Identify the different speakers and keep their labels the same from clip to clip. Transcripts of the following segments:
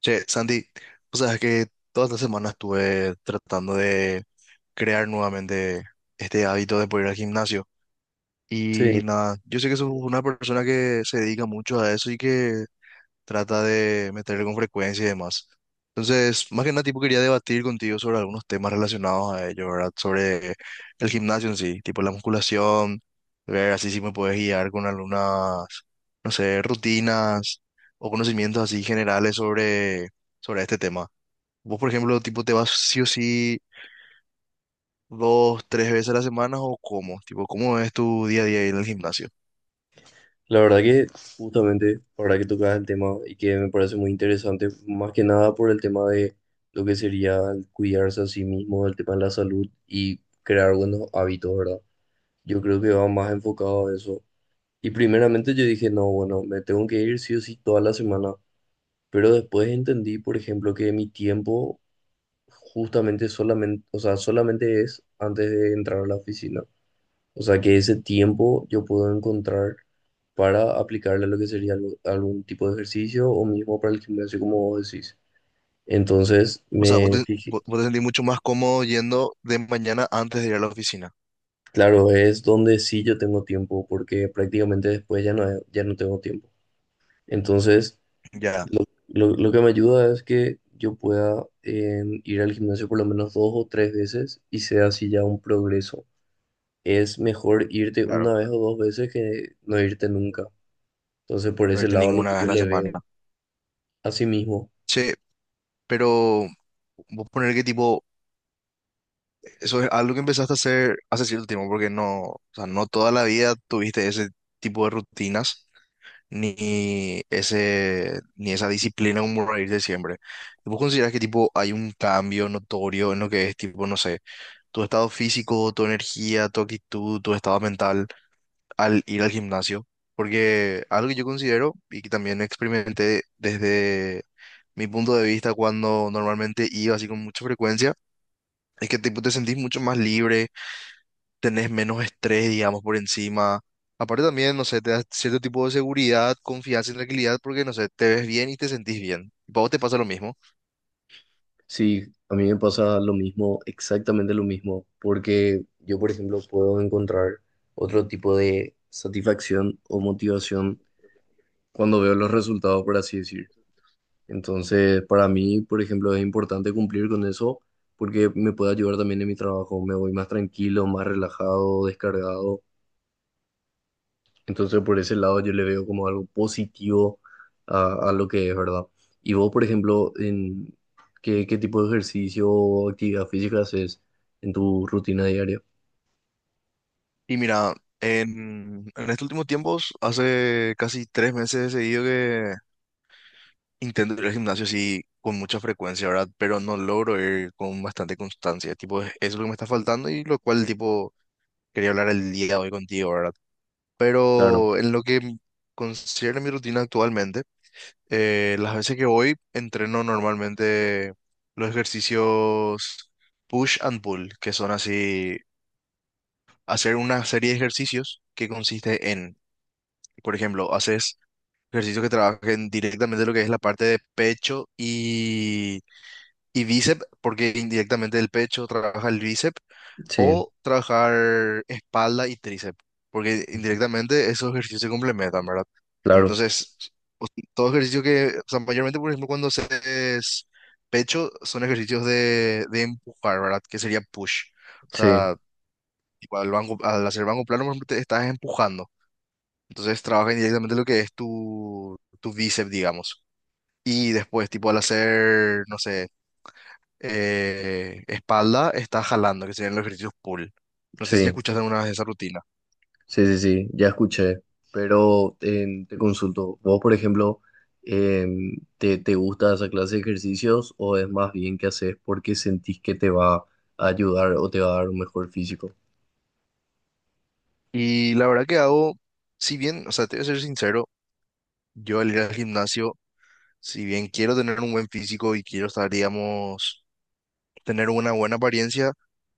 Speaker 1: Che, Sandy, o sea, es que toda esta semana estuve tratando de crear nuevamente este hábito de poder ir al gimnasio. Y
Speaker 2: Sí,
Speaker 1: nada, yo sé que sos una persona que se dedica mucho a eso y que trata de meterle con frecuencia y demás. Entonces, más que nada, tipo, quería debatir contigo sobre algunos temas relacionados a ello, ¿verdad? Sobre el gimnasio en sí, tipo la musculación, ver así si me puedes guiar con algunas, no sé, rutinas o conocimientos así generales sobre este tema. Vos, por ejemplo, tipo, ¿te vas sí o sí dos, tres veces a la semana o cómo? Tipo, ¿cómo es tu día a día ahí en el gimnasio?
Speaker 2: la verdad que justamente ahora que tocas el tema y que me parece muy interesante, más que nada por el tema de lo que sería el cuidarse a sí mismo, el tema de la salud y crear buenos hábitos, ¿verdad? Yo creo que va más enfocado a eso. Y primeramente yo dije, no, bueno, me tengo que ir sí o sí toda la semana, pero después entendí, por ejemplo, que mi tiempo justamente solamente, o sea, solamente es antes de entrar a la oficina. O sea que ese tiempo yo puedo encontrar para aplicarle lo que sería algún tipo de ejercicio o mismo para el gimnasio, como vos decís. Entonces,
Speaker 1: O sea, vos
Speaker 2: me
Speaker 1: te,
Speaker 2: fijé,
Speaker 1: vos vos te sentís mucho más cómodo yendo de mañana antes de ir a la oficina.
Speaker 2: claro, es donde sí yo tengo tiempo, porque prácticamente después ya no, ya no tengo tiempo. Entonces,
Speaker 1: Ya,
Speaker 2: lo que me ayuda es que yo pueda ir al gimnasio por lo menos dos o tres veces y sea así ya un progreso. Es mejor irte una
Speaker 1: claro,
Speaker 2: vez o dos veces que no irte nunca. Entonces, por
Speaker 1: no
Speaker 2: ese
Speaker 1: irte
Speaker 2: lado, lo
Speaker 1: ninguna
Speaker 2: que
Speaker 1: vez a
Speaker 2: yo
Speaker 1: la
Speaker 2: le
Speaker 1: semana.
Speaker 2: veo. Así mismo.
Speaker 1: Che, pero vos poner que tipo, eso es algo que empezaste a hacer hace cierto tiempo, porque no, o sea, no toda la vida tuviste ese tipo de rutinas, ni ese, ni esa disciplina como para irte siempre. ¿Vos considerás que tipo hay un cambio notorio en lo que es tipo, no sé, tu estado físico, tu energía, tu actitud, tu estado mental al ir al gimnasio? Porque algo que yo considero y que también experimenté desde mi punto de vista cuando normalmente iba así con mucha frecuencia, es que tipo, te sentís mucho más libre, tenés menos estrés, digamos, por encima. Aparte también, no sé, te da cierto tipo de seguridad, confianza y tranquilidad porque, no sé, te ves bien y te sentís bien. ¿Para vos te pasa lo mismo?
Speaker 2: Sí, a mí me pasa lo mismo, exactamente lo mismo, porque yo, por ejemplo, puedo encontrar otro tipo de satisfacción o motivación cuando veo los resultados, por así decir. Entonces, para mí, por ejemplo, es importante cumplir con eso porque me puede ayudar también en mi trabajo. Me voy más tranquilo, más relajado, descargado. Entonces, por ese lado yo le veo como algo positivo a lo que es, ¿verdad? Y vos, por ejemplo, en ¿qué tipo de ejercicio o actividad física haces en tu rutina diaria?
Speaker 1: Y mira, en estos últimos tiempos, hace casi 3 meses he seguido. Intento ir al gimnasio sí con mucha frecuencia, ¿verdad? Pero no logro ir con bastante constancia. Tipo, eso es lo que me está faltando y lo cual, tipo, quería hablar el día de hoy contigo, ¿verdad?
Speaker 2: Claro,
Speaker 1: Pero en lo que considero mi rutina actualmente, las veces que voy, entreno normalmente los ejercicios push and pull, que son así, hacer una serie de ejercicios que consiste en, por ejemplo, haces ejercicios que trabajen directamente lo que es la parte de pecho y bíceps, porque indirectamente el pecho trabaja el bíceps,
Speaker 2: sí.
Speaker 1: o trabajar espalda y tríceps, porque
Speaker 2: Ujú.
Speaker 1: indirectamente esos ejercicios se complementan, ¿verdad?
Speaker 2: Claro,
Speaker 1: Entonces, o- todo ejercicio que, o sea, mayormente, por ejemplo, cuando haces pecho, son ejercicios de empujar, ¿verdad? Que sería push. O
Speaker 2: sí,
Speaker 1: sea, tipo, al banco, al hacer banco plano, por ejemplo, te estás empujando. Entonces, trabaja indirectamente lo que es tu bíceps, digamos. Y después, tipo, al hacer, no sé, espalda está jalando, que serían los ejercicios pull. No sé si ya
Speaker 2: sí,
Speaker 1: escuchaste alguna vez esa rutina.
Speaker 2: sí, ya escuché. Pero te consulto, vos, por ejemplo, ¿te gusta esa clase de ejercicios o es más bien que haces porque sentís que te va a ayudar o te va a dar un mejor físico?
Speaker 1: Y la verdad que hago, si bien, o sea, te voy a ser sincero, yo al ir al gimnasio, si bien quiero tener un buen físico y quiero estar, digamos, tener una buena apariencia,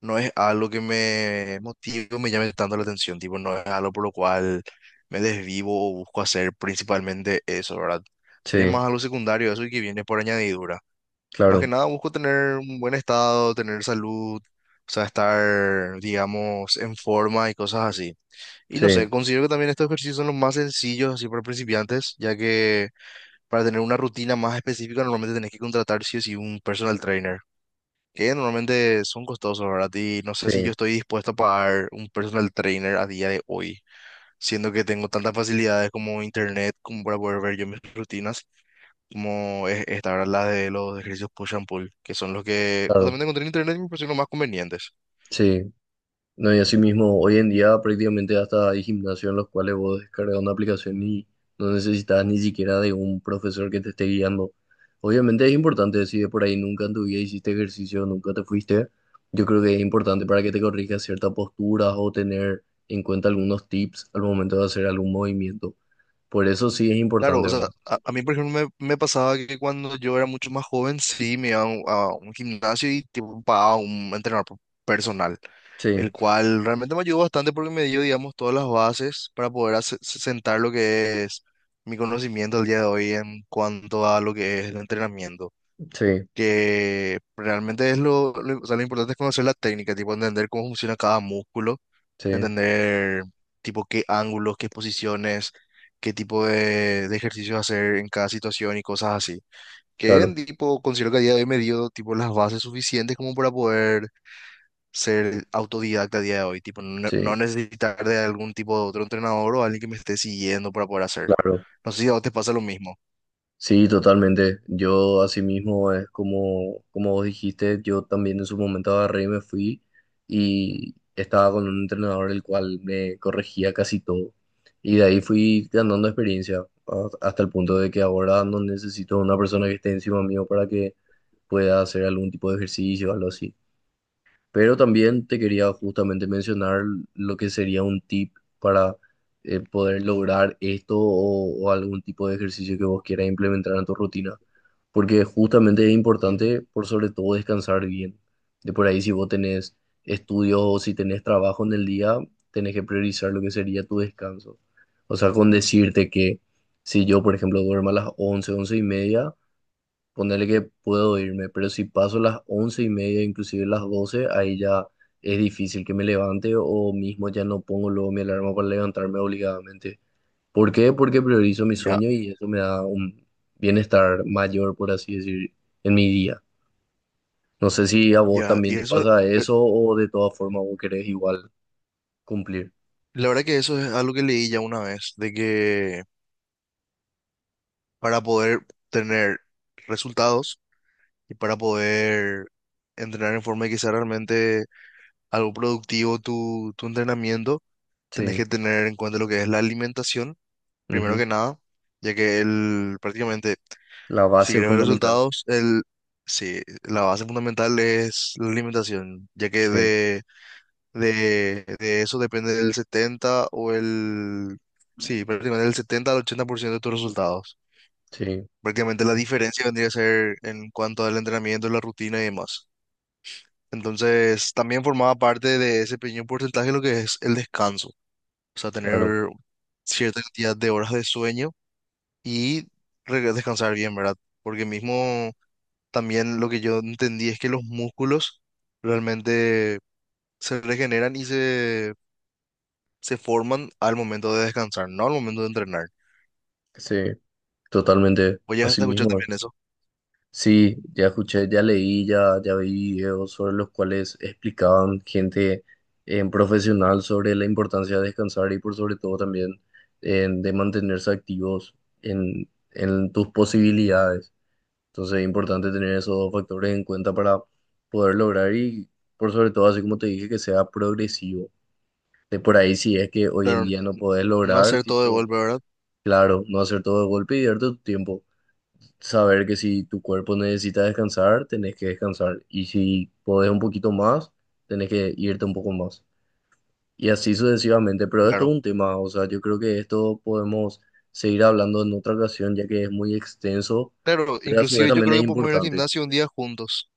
Speaker 1: no es algo que me motive o me llame tanto la atención, tipo, no es algo por lo cual me desvivo o busco hacer principalmente eso, ¿verdad? Sería
Speaker 2: Sí,
Speaker 1: más algo secundario, eso y que viene por añadidura. Más que
Speaker 2: claro,
Speaker 1: nada busco tener un buen estado, tener salud, o sea, estar, digamos, en forma y cosas así. Y no sé,
Speaker 2: sí.
Speaker 1: considero que también estos ejercicios son los más sencillos así para principiantes, ya que para tener una rutina más específica normalmente tenés que contratar sí o sí un personal trainer, que normalmente son costosos, ¿verdad? Y no sé
Speaker 2: Sí,
Speaker 1: si yo estoy dispuesto a pagar un personal trainer a día de hoy, siendo que tengo tantas facilidades como internet como para poder ver yo mis rutinas como esta, ¿verdad? La de los ejercicios push and pull, que son los que
Speaker 2: claro,
Speaker 1: justamente encontré en internet y me parecieron los más convenientes.
Speaker 2: sí. No, y así mismo, hoy en día prácticamente hasta hay gimnasios en los cuales vos descargas una aplicación y no necesitas ni siquiera de un profesor que te esté guiando. Obviamente es importante, si de por ahí nunca en tu vida hiciste ejercicio, nunca te fuiste, yo creo que es importante para que te corrijas ciertas posturas o tener en cuenta algunos tips al momento de hacer algún movimiento. Por eso sí es
Speaker 1: Claro, o
Speaker 2: importante,
Speaker 1: sea,
Speaker 2: ¿verdad?
Speaker 1: a mí, por ejemplo, me pasaba que cuando yo era mucho más joven, sí, me iba a un, gimnasio y tipo, pagaba un entrenador personal, el
Speaker 2: Sí,
Speaker 1: cual realmente me ayudó bastante porque me dio, digamos, todas las bases para poder sentar lo que es mi conocimiento al día de hoy en cuanto a lo que es el entrenamiento.
Speaker 2: sí,
Speaker 1: Que realmente es o sea, lo importante es conocer la técnica, tipo entender cómo funciona cada músculo,
Speaker 2: sí,
Speaker 1: entender tipo qué ángulos, qué posiciones, qué tipo de ejercicios hacer en cada situación y cosas así. Que
Speaker 2: claro,
Speaker 1: en tipo considero que a día de hoy me dio tipo las bases suficientes como para poder ser autodidacta a día de hoy, tipo no,
Speaker 2: sí,
Speaker 1: no necesitar de algún tipo de otro entrenador o alguien que me esté siguiendo para poder hacer.
Speaker 2: claro.
Speaker 1: No sé si a vos te pasa lo mismo.
Speaker 2: Sí, totalmente. Yo asimismo es como, como vos dijiste, yo también en su momento agarré y me fui y estaba con un entrenador el cual me corregía casi todo. Y de ahí fui ganando experiencia hasta el punto de que ahora no necesito una persona que esté encima mío para que pueda hacer algún tipo de ejercicio o algo así. Pero también te quería justamente mencionar lo que sería un tip para poder lograr esto o algún tipo de ejercicio que vos quieras implementar en tu rutina. Porque justamente es
Speaker 1: Ujú.
Speaker 2: importante, por sobre todo, descansar bien. De por ahí, si vos tenés estudios o si tenés trabajo en el día, tenés que priorizar lo que sería tu descanso. O sea, con decirte que si yo, por ejemplo, duermo a las 11:30, ponerle que puedo irme, pero si paso las 11:30, inclusive las 12, ahí ya es difícil que me levante o mismo ya no pongo luego mi alarma para levantarme obligadamente. ¿Por qué? Porque priorizo mi
Speaker 1: Ya,
Speaker 2: sueño y eso me da un bienestar mayor, por así decir, en mi día. No sé si a vos
Speaker 1: ya,
Speaker 2: también
Speaker 1: y
Speaker 2: te
Speaker 1: eso.
Speaker 2: pasa eso o de todas formas vos querés igual cumplir.
Speaker 1: La verdad que eso es algo que leí ya una vez, de que para poder tener resultados y para poder entrenar en forma de que sea realmente algo productivo tu entrenamiento, tenés
Speaker 2: Sí,
Speaker 1: que tener en cuenta lo que es la alimentación, primero
Speaker 2: ujú.
Speaker 1: que nada, ya que el, prácticamente,
Speaker 2: La
Speaker 1: si
Speaker 2: base
Speaker 1: querés ver
Speaker 2: fundamental.
Speaker 1: resultados, el, sí, la base fundamental es la alimentación, ya que
Speaker 2: Sí,
Speaker 1: de eso depende del 70 o el... Sí, prácticamente del 70 al 80% de tus resultados.
Speaker 2: sí,
Speaker 1: Prácticamente la diferencia vendría a ser en cuanto al entrenamiento, la rutina y demás. Entonces, también formaba parte de ese pequeño porcentaje lo que es el descanso. O sea,
Speaker 2: claro.
Speaker 1: tener cierta cantidad de horas de sueño y descansar bien, ¿verdad? Porque mismo también lo que yo entendí es que los músculos realmente se regeneran y se forman al momento de descansar, no al momento de entrenar.
Speaker 2: Sí, totalmente.
Speaker 1: Vos
Speaker 2: Así
Speaker 1: llegaste a escuchar
Speaker 2: mismo.
Speaker 1: también eso.
Speaker 2: Sí, ya escuché, ya leí, ya vi videos sobre los cuales explicaban gente en profesional sobre la importancia de descansar y por sobre todo también de mantenerse activos en tus posibilidades. Entonces es importante tener esos dos factores en cuenta para poder lograr y por sobre todo, así como te dije, que sea progresivo. De por ahí si es que hoy en
Speaker 1: Claro,
Speaker 2: día no podés
Speaker 1: no
Speaker 2: lograr,
Speaker 1: hacer todo de
Speaker 2: tipo,
Speaker 1: golpe, ¿verdad?
Speaker 2: claro, no hacer todo de golpe y darte tu tiempo, saber que si tu cuerpo necesita descansar, tenés que descansar. Y si podés un poquito más, tenés que irte un poco más. Y así sucesivamente. Pero esto
Speaker 1: Claro.
Speaker 2: es un tema, o sea, yo creo que esto podemos seguir hablando en otra ocasión, ya que es muy extenso,
Speaker 1: Claro,
Speaker 2: pero a su vez
Speaker 1: inclusive yo
Speaker 2: también
Speaker 1: creo
Speaker 2: es
Speaker 1: que podemos ir al
Speaker 2: importante.
Speaker 1: gimnasio un día juntos.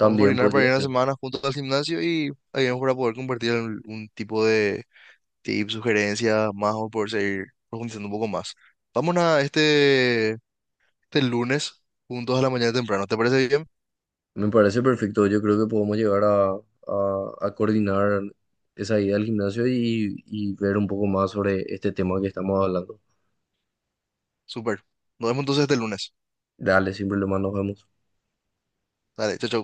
Speaker 1: Vamos a coordinar para
Speaker 2: podría
Speaker 1: ir una
Speaker 2: ser.
Speaker 1: semana juntos al gimnasio y ahí vamos para poder compartir un, tipo de tips, sugerencias, más o poder seguir profundizando un poco más. Vamos a este lunes juntos a la mañana temprano. ¿Te parece bien?
Speaker 2: Me parece perfecto. Yo creo que podemos llegar a, a coordinar esa ida al gimnasio y ver un poco más sobre este tema que estamos hablando.
Speaker 1: Súper. Nos vemos entonces este lunes.
Speaker 2: Dale, sin problema, nos vemos.
Speaker 1: Dale, chao, chao.